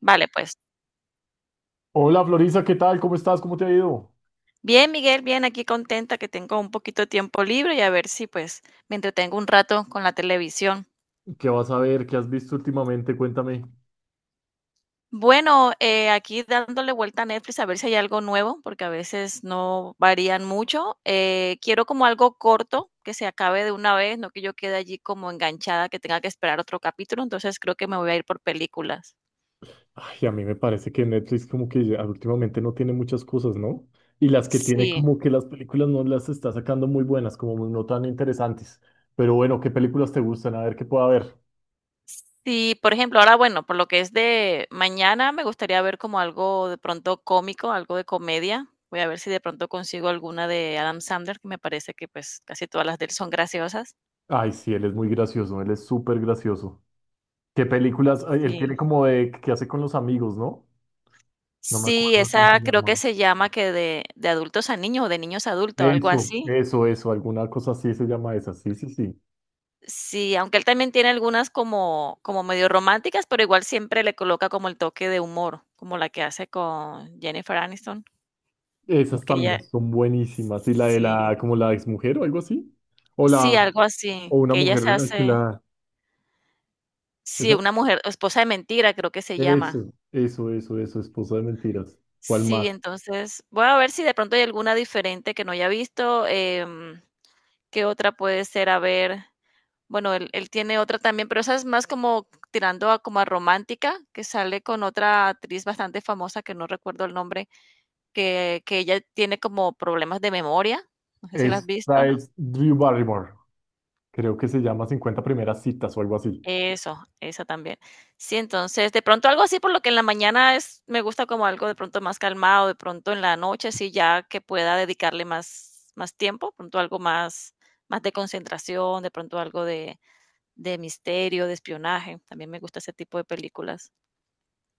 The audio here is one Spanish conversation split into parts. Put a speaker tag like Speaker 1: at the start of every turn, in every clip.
Speaker 1: Vale, pues.
Speaker 2: Hola Florisa, ¿qué tal? ¿Cómo estás? ¿Cómo te ha ido?
Speaker 1: Bien, Miguel, bien, aquí contenta que tengo un poquito de tiempo libre y a ver si pues me entretengo un rato con la televisión.
Speaker 2: ¿Qué vas a ver? ¿Qué has visto últimamente? Cuéntame.
Speaker 1: Bueno, aquí dándole vuelta a Netflix a ver si hay algo nuevo, porque a veces no varían mucho. Quiero como algo corto, que se acabe de una vez, no que yo quede allí como enganchada, que tenga que esperar otro capítulo, entonces creo que me voy a ir por películas.
Speaker 2: Ay, a mí me parece que Netflix como que ya últimamente no tiene muchas cosas, ¿no? Y las que tiene
Speaker 1: Sí.
Speaker 2: como que las películas no las está sacando muy buenas, como no tan interesantes. Pero bueno, ¿qué películas te gustan? A ver qué pueda haber.
Speaker 1: Sí, por ejemplo, ahora, bueno, por lo que es de mañana, me gustaría ver como algo de pronto cómico, algo de comedia. Voy a ver si de pronto consigo alguna de Adam Sandler, que me parece que pues casi todas las de él son graciosas.
Speaker 2: Ay, sí, él es muy gracioso, él es súper gracioso. ¿Qué películas? Ay, él tiene
Speaker 1: Sí.
Speaker 2: como de que hace con los amigos, ¿no? No me
Speaker 1: Sí,
Speaker 2: acuerdo cómo se
Speaker 1: esa creo que
Speaker 2: llama.
Speaker 1: se llama que de adultos a niños o de niños a adultos, algo
Speaker 2: Eso,
Speaker 1: así.
Speaker 2: eso, eso, alguna cosa así se llama esa. Sí, sí, sí.
Speaker 1: Sí, aunque él también tiene algunas como medio románticas, pero igual siempre le coloca como el toque de humor, como la que hace con Jennifer Aniston,
Speaker 2: Esas
Speaker 1: que
Speaker 2: también
Speaker 1: ella,
Speaker 2: son buenísimas. Y la de
Speaker 1: sí.
Speaker 2: la, como la ex mujer o algo así. O la,
Speaker 1: Sí, algo
Speaker 2: o
Speaker 1: así,
Speaker 2: una
Speaker 1: que ella
Speaker 2: mujer
Speaker 1: se hace
Speaker 2: alquilada.
Speaker 1: sí,
Speaker 2: Esa-
Speaker 1: una mujer esposa de mentira, creo que se llama.
Speaker 2: eso, eso, eso, eso, esposa de mentiras. ¿Cuál más?
Speaker 1: Sí, entonces, voy a ver si de pronto hay alguna diferente que no haya visto, ¿qué otra puede ser? A ver, bueno, él tiene otra también, pero esa es más como tirando a como a romántica, que sale con otra actriz bastante famosa, que no recuerdo el nombre, que ella tiene como problemas de memoria, no sé si la has visto.
Speaker 2: Esta es Drew Barrymore. Creo que se llama 50 primeras citas o algo así.
Speaker 1: Eso también. Sí, entonces, de pronto algo así, por lo que en la mañana es, me gusta como algo de pronto más calmado, de pronto en la noche, sí, ya que pueda dedicarle más tiempo, de pronto algo más de concentración, de pronto algo de misterio, de espionaje. También me gusta ese tipo de películas.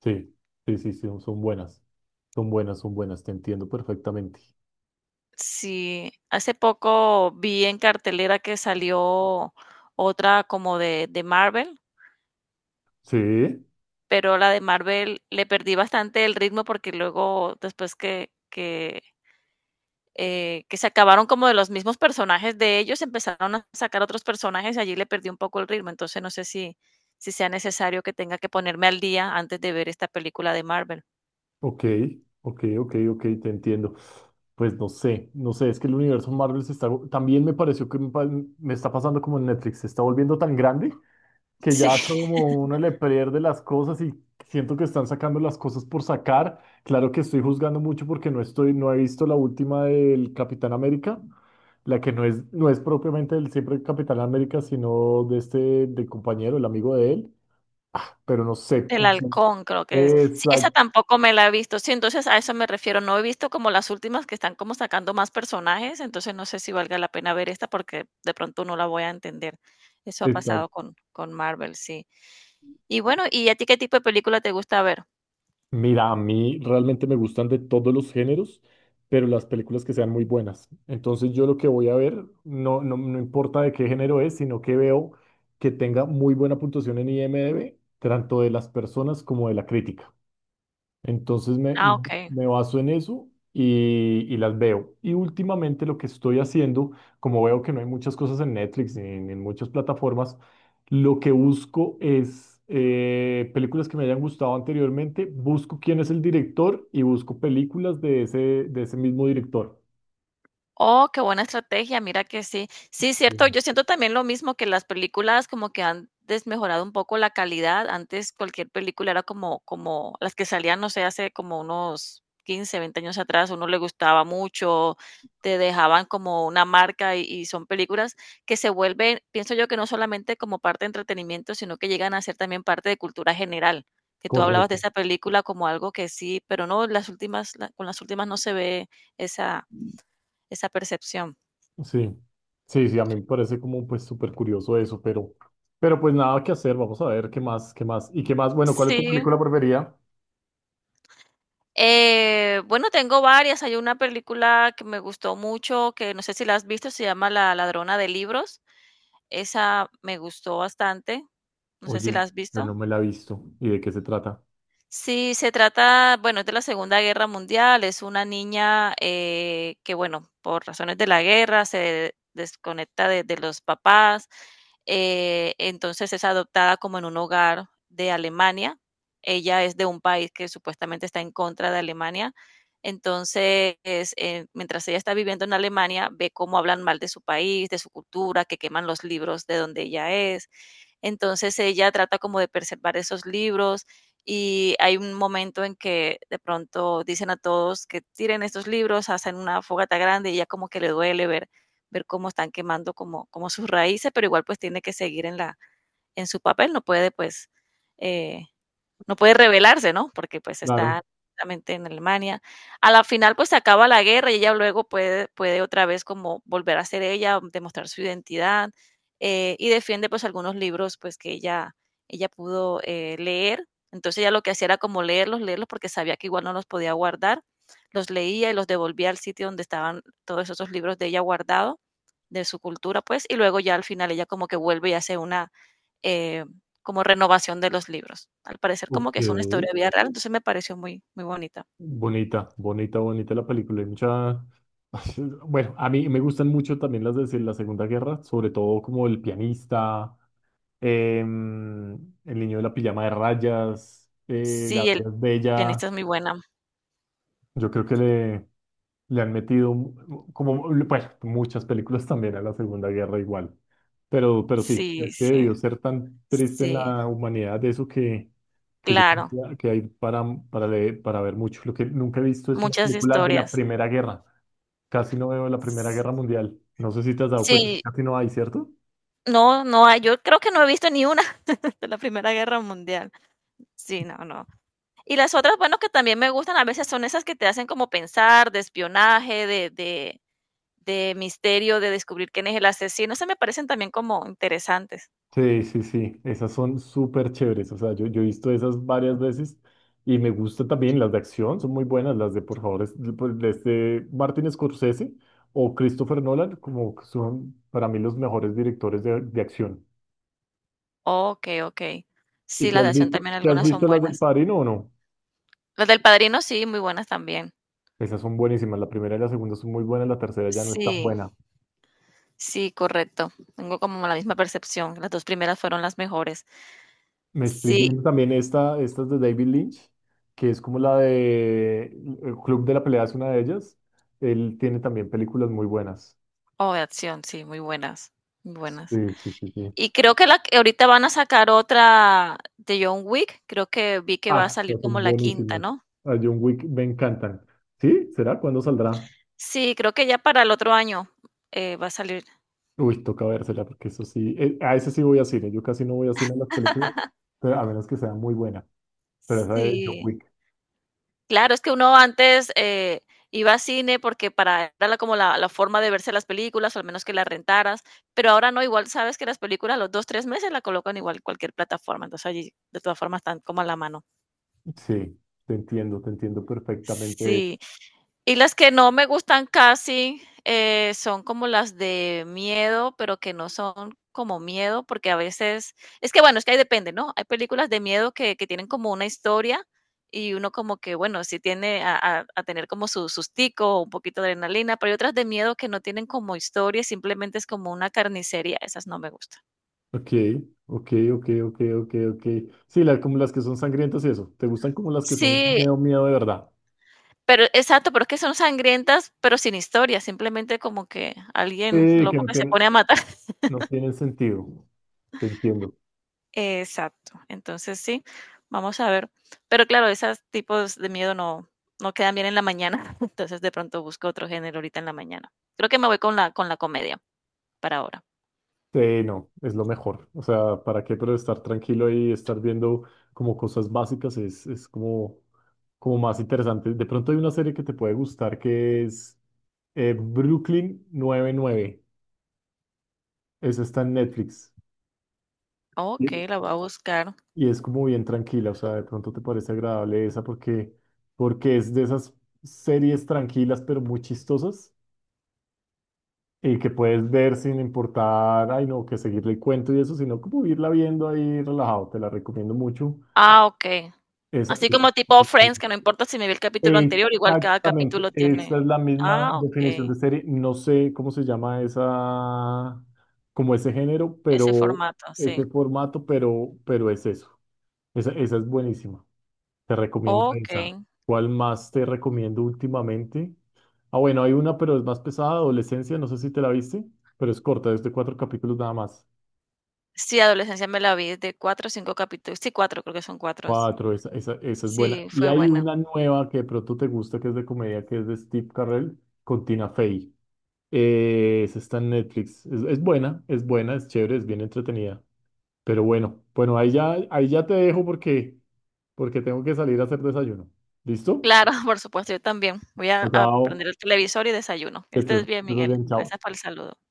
Speaker 2: Sí, sí, sí, sí, son buenas. Son buenas, son buenas, te entiendo perfectamente.
Speaker 1: Sí, hace poco vi en cartelera que salió otra como de Marvel,
Speaker 2: Sí.
Speaker 1: pero la de Marvel le perdí bastante el ritmo porque luego, después que se acabaron como de los mismos personajes de ellos, empezaron a sacar otros personajes y allí le perdí un poco el ritmo. Entonces no sé si sea necesario que tenga que ponerme al día antes de ver esta película de Marvel.
Speaker 2: Ok, ok, ok, ok, te entiendo. Pues no sé, no sé, es que el universo Marvel se está, también me pareció que me, me está pasando como en Netflix, se está volviendo tan grande que
Speaker 1: Sí,
Speaker 2: ya como uno le pierde las cosas y siento que están sacando las cosas por sacar. Claro que estoy juzgando mucho porque no estoy, no he visto la última del Capitán América, la que no es, no es propiamente del siempre Capitán América, sino de este, del compañero, el amigo de él, pero no sé.
Speaker 1: El
Speaker 2: No sé.
Speaker 1: Halcón creo que es. Sí, esa
Speaker 2: Exacto.
Speaker 1: tampoco me la he visto. Sí, entonces a eso me refiero. No he visto como las últimas que están como sacando más personajes, entonces no sé si valga la pena ver esta porque de pronto no la voy a entender. Eso ha pasado con Marvel, sí. Y bueno, ¿y a ti qué tipo de película te gusta ver?
Speaker 2: Mira, a mí realmente me gustan de todos los géneros, pero las películas que sean muy buenas. Entonces yo lo que voy a ver, no, no, no importa de qué género es, sino que veo que tenga muy buena puntuación en IMDb, tanto de las personas como de la crítica. Entonces me,
Speaker 1: Ah, okey.
Speaker 2: me baso en eso y las veo. Y últimamente lo que estoy haciendo, como veo que no hay muchas cosas en Netflix ni en, en muchas plataformas, lo que busco es películas que me hayan gustado anteriormente, busco quién es el director y busco películas de ese mismo director.
Speaker 1: Oh, qué buena estrategia, mira que sí. Sí, cierto,
Speaker 2: Bien.
Speaker 1: yo siento también lo mismo que las películas como que han desmejorado un poco la calidad. Antes cualquier película era como las que salían, no sé, hace como unos 15, 20 años atrás, a uno le gustaba mucho, te dejaban como una marca y son películas que se vuelven, pienso yo que no solamente como parte de entretenimiento, sino que llegan a ser también parte de cultura general, que tú hablabas de
Speaker 2: Correcto.
Speaker 1: esa película como algo que sí, pero no, las últimas la con las últimas no se ve esa esa percepción.
Speaker 2: Sí, sí, sí, a mí me parece como pues súper curioso eso, pero pues nada que hacer, vamos a ver qué más, qué más. ¿Y qué más? Bueno, ¿cuál es tu
Speaker 1: Sí,
Speaker 2: película preferida?
Speaker 1: bueno, tengo varias. Hay una película que me gustó mucho, que no sé si la has visto, se llama La ladrona de libros. Esa me gustó bastante. No sé si la
Speaker 2: Oye,
Speaker 1: has
Speaker 2: yo no
Speaker 1: visto.
Speaker 2: me la he visto. ¿Y de qué se trata?
Speaker 1: Sí, se trata, bueno, es de la Segunda Guerra Mundial, es una niña que, bueno, por razones de la guerra se desconecta de los papás, entonces es adoptada como en un hogar de Alemania. Ella es de un país que supuestamente está en contra de Alemania, entonces mientras ella está viviendo en Alemania, ve cómo hablan mal de su país, de su cultura, que queman los libros de donde ella es. Entonces ella trata como de preservar esos libros y hay un momento en que de pronto dicen a todos que tiren estos libros, hacen una fogata grande y ya como que le duele ver cómo están quemando como sus raíces, pero igual pues tiene que seguir en su papel, eh, no puede rebelarse, ¿no? Porque, pues,
Speaker 2: Claro.
Speaker 1: está justamente en Alemania. A la final, pues, se acaba la guerra y ella luego puede otra vez como volver a ser ella, demostrar su identidad, y defiende, pues, algunos libros, pues, que ella pudo, leer. Entonces, ella lo que hacía era como leerlos, leerlos, porque sabía que igual no los podía guardar. Los leía y los devolvía al sitio donde estaban todos esos libros de ella guardado, de su cultura, pues, y luego ya al final ella como que vuelve y hace una, eh, como renovación de los libros. Al parecer como
Speaker 2: Ok.
Speaker 1: que es una historia de vida real, entonces me pareció muy, muy bonita.
Speaker 2: Bonita, bonita, bonita la película. Hay mucha... Bueno, a mí me gustan mucho también las de la Segunda Guerra, sobre todo como El pianista, em, El niño de la pijama de rayas, La
Speaker 1: Sí, el
Speaker 2: vida es bella.
Speaker 1: pianista es muy buena.
Speaker 2: Yo creo que le han metido como, bueno, muchas películas también a la Segunda Guerra igual. Pero sí,
Speaker 1: Sí,
Speaker 2: es que
Speaker 1: sí,
Speaker 2: debió ser tan triste en
Speaker 1: sí,
Speaker 2: la humanidad eso que yo
Speaker 1: claro,
Speaker 2: creo que hay para, para ver mucho. Lo que nunca he visto es una
Speaker 1: muchas
Speaker 2: película de la
Speaker 1: historias.
Speaker 2: Primera Guerra. Casi no veo la Primera Guerra Mundial. No sé si te has dado cuenta,
Speaker 1: Sí,
Speaker 2: casi no hay, ¿cierto?
Speaker 1: no, no hay, yo creo que no he visto ni una de la Primera Guerra Mundial. Sí, no, no. Y las otras, bueno, que también me gustan a veces son esas que te hacen como pensar, de espionaje, de misterio, de descubrir quién es el asesino, esas me parecen también como interesantes.
Speaker 2: Sí, sí, sí, esas son súper chéveres. O sea, yo he visto esas varias veces y me gusta también las de acción, son muy buenas las de, por favor, de, pues, de este Martin Scorsese o Christopher Nolan, como que son para mí los mejores directores de acción.
Speaker 1: Okey, okey.
Speaker 2: ¿Y
Speaker 1: Sí,
Speaker 2: te
Speaker 1: las de
Speaker 2: has
Speaker 1: acción
Speaker 2: visto,
Speaker 1: también
Speaker 2: te has
Speaker 1: algunas
Speaker 2: bueno,
Speaker 1: son
Speaker 2: visto las del
Speaker 1: buenas.
Speaker 2: Padrino o no?
Speaker 1: Las del Padrino sí, muy buenas también.
Speaker 2: Esas son buenísimas, la primera y la segunda son muy buenas, la tercera ya no es tan
Speaker 1: Sí,
Speaker 2: buena.
Speaker 1: sí, correcto. Tengo como la misma percepción. Las 2 primeras fueron las mejores.
Speaker 2: Me estoy
Speaker 1: Sí,
Speaker 2: viendo también estas de David Lynch, que es como la de El Club de la Pelea, es una de ellas. Él tiene también películas muy buenas.
Speaker 1: o de acción, sí, muy buenas, muy
Speaker 2: Sí,
Speaker 1: buenas.
Speaker 2: sí, sí, sí.
Speaker 1: Y creo que la que ahorita van a sacar otra de John Wick, creo que vi que va
Speaker 2: Ah,
Speaker 1: a salir
Speaker 2: estas
Speaker 1: como
Speaker 2: son
Speaker 1: la quinta,
Speaker 2: buenísimas.
Speaker 1: ¿no?
Speaker 2: A John Wick me encantan. ¿Sí? ¿Será? ¿Cuándo saldrá?
Speaker 1: Sí, creo que ya para el otro año, va a salir.
Speaker 2: Uy, toca vérsela, porque eso sí. A ese sí voy a cine. Yo casi no voy a cine a las películas, pero a menos que sea muy buena. Pero esa de John
Speaker 1: Sí.
Speaker 2: Wick.
Speaker 1: Claro, es que uno antes, iba a cine porque para era la como la la forma de verse las películas, o al menos que las rentaras, pero ahora no, igual sabes que las películas a los 2 3 meses la colocan igual en cualquier plataforma, entonces allí de todas formas están como a la mano.
Speaker 2: Sí, te entiendo perfectamente.
Speaker 1: Sí. Y las que no me gustan casi, son como las de miedo, pero que no son como miedo, porque a veces, es que bueno, es que ahí depende, ¿no? Hay películas de miedo que tienen como una historia y uno como que, bueno, sí tiene a tener como su sustico, un poquito de adrenalina, pero hay otras de miedo que no tienen como historia, simplemente es como una carnicería, esas no me gustan.
Speaker 2: Ok, ok, ok, ok, ok, ok. Sí, como las que son sangrientas y eso. ¿Te gustan como las que son
Speaker 1: Sí,
Speaker 2: miedo, miedo de verdad?
Speaker 1: pero exacto, pero es que son sangrientas, pero sin historia, simplemente como que alguien
Speaker 2: Que
Speaker 1: loco
Speaker 2: no
Speaker 1: que se
Speaker 2: tienen,
Speaker 1: pone a matar.
Speaker 2: no tienen sentido. Te entiendo.
Speaker 1: Exacto. Entonces sí, vamos a ver. Pero claro, esos tipos de miedo no, no quedan bien en la mañana, entonces de pronto busco otro género ahorita en la mañana. Creo que me voy con la comedia para ahora.
Speaker 2: No, es lo mejor. O sea, ¿para qué? Pero estar tranquilo y estar viendo como cosas básicas es como, como más interesante. De pronto hay una serie que te puede gustar que es Brooklyn 99. Eso está en Netflix.
Speaker 1: Ok,
Speaker 2: Sí.
Speaker 1: la voy a buscar.
Speaker 2: Y es como bien tranquila. O sea, de pronto te parece agradable esa porque, porque es de esas series tranquilas pero muy chistosas y que puedes ver sin importar, ay no, que seguirle el cuento y eso, sino como irla viendo ahí relajado. Te la recomiendo mucho.
Speaker 1: Ah, ok.
Speaker 2: Esa-
Speaker 1: Así como tipo Friends, que no importa si me vi el capítulo anterior, igual cada
Speaker 2: exactamente,
Speaker 1: capítulo
Speaker 2: esa
Speaker 1: tiene.
Speaker 2: es la misma
Speaker 1: Ah,
Speaker 2: definición
Speaker 1: ok.
Speaker 2: de serie. No sé cómo se llama esa, como ese género,
Speaker 1: Ese
Speaker 2: pero
Speaker 1: formato, sí.
Speaker 2: ese formato, pero es eso. Esa es buenísima. Te recomiendo
Speaker 1: Ok.
Speaker 2: esa. ¿Cuál más te recomiendo últimamente? Ah, bueno, hay una, pero es más pesada, Adolescencia, no sé si te la viste, pero es corta, es de 4 capítulos nada más.
Speaker 1: Sí, Adolescencia me la vi de 4 o 5 capítulos. Sí, 4, creo que son 4.
Speaker 2: 4, esa, esa, esa es buena.
Speaker 1: Sí,
Speaker 2: Y muy
Speaker 1: fue
Speaker 2: hay
Speaker 1: buena.
Speaker 2: buena. Una nueva que de pronto te gusta, que es de comedia, que es de Steve Carell con Tina Fey. Esa está en Netflix. Es buena, es buena, es chévere, es bien entretenida. Pero bueno, bueno, ahí ya te dejo porque, porque tengo que salir a hacer desayuno. ¿Listo?
Speaker 1: Claro, por supuesto, yo también. Voy a
Speaker 2: Chao.
Speaker 1: prender el televisor y desayuno. Estés bien,
Speaker 2: Que estés
Speaker 1: Miguel.
Speaker 2: bien, chao.
Speaker 1: Gracias por el saludo.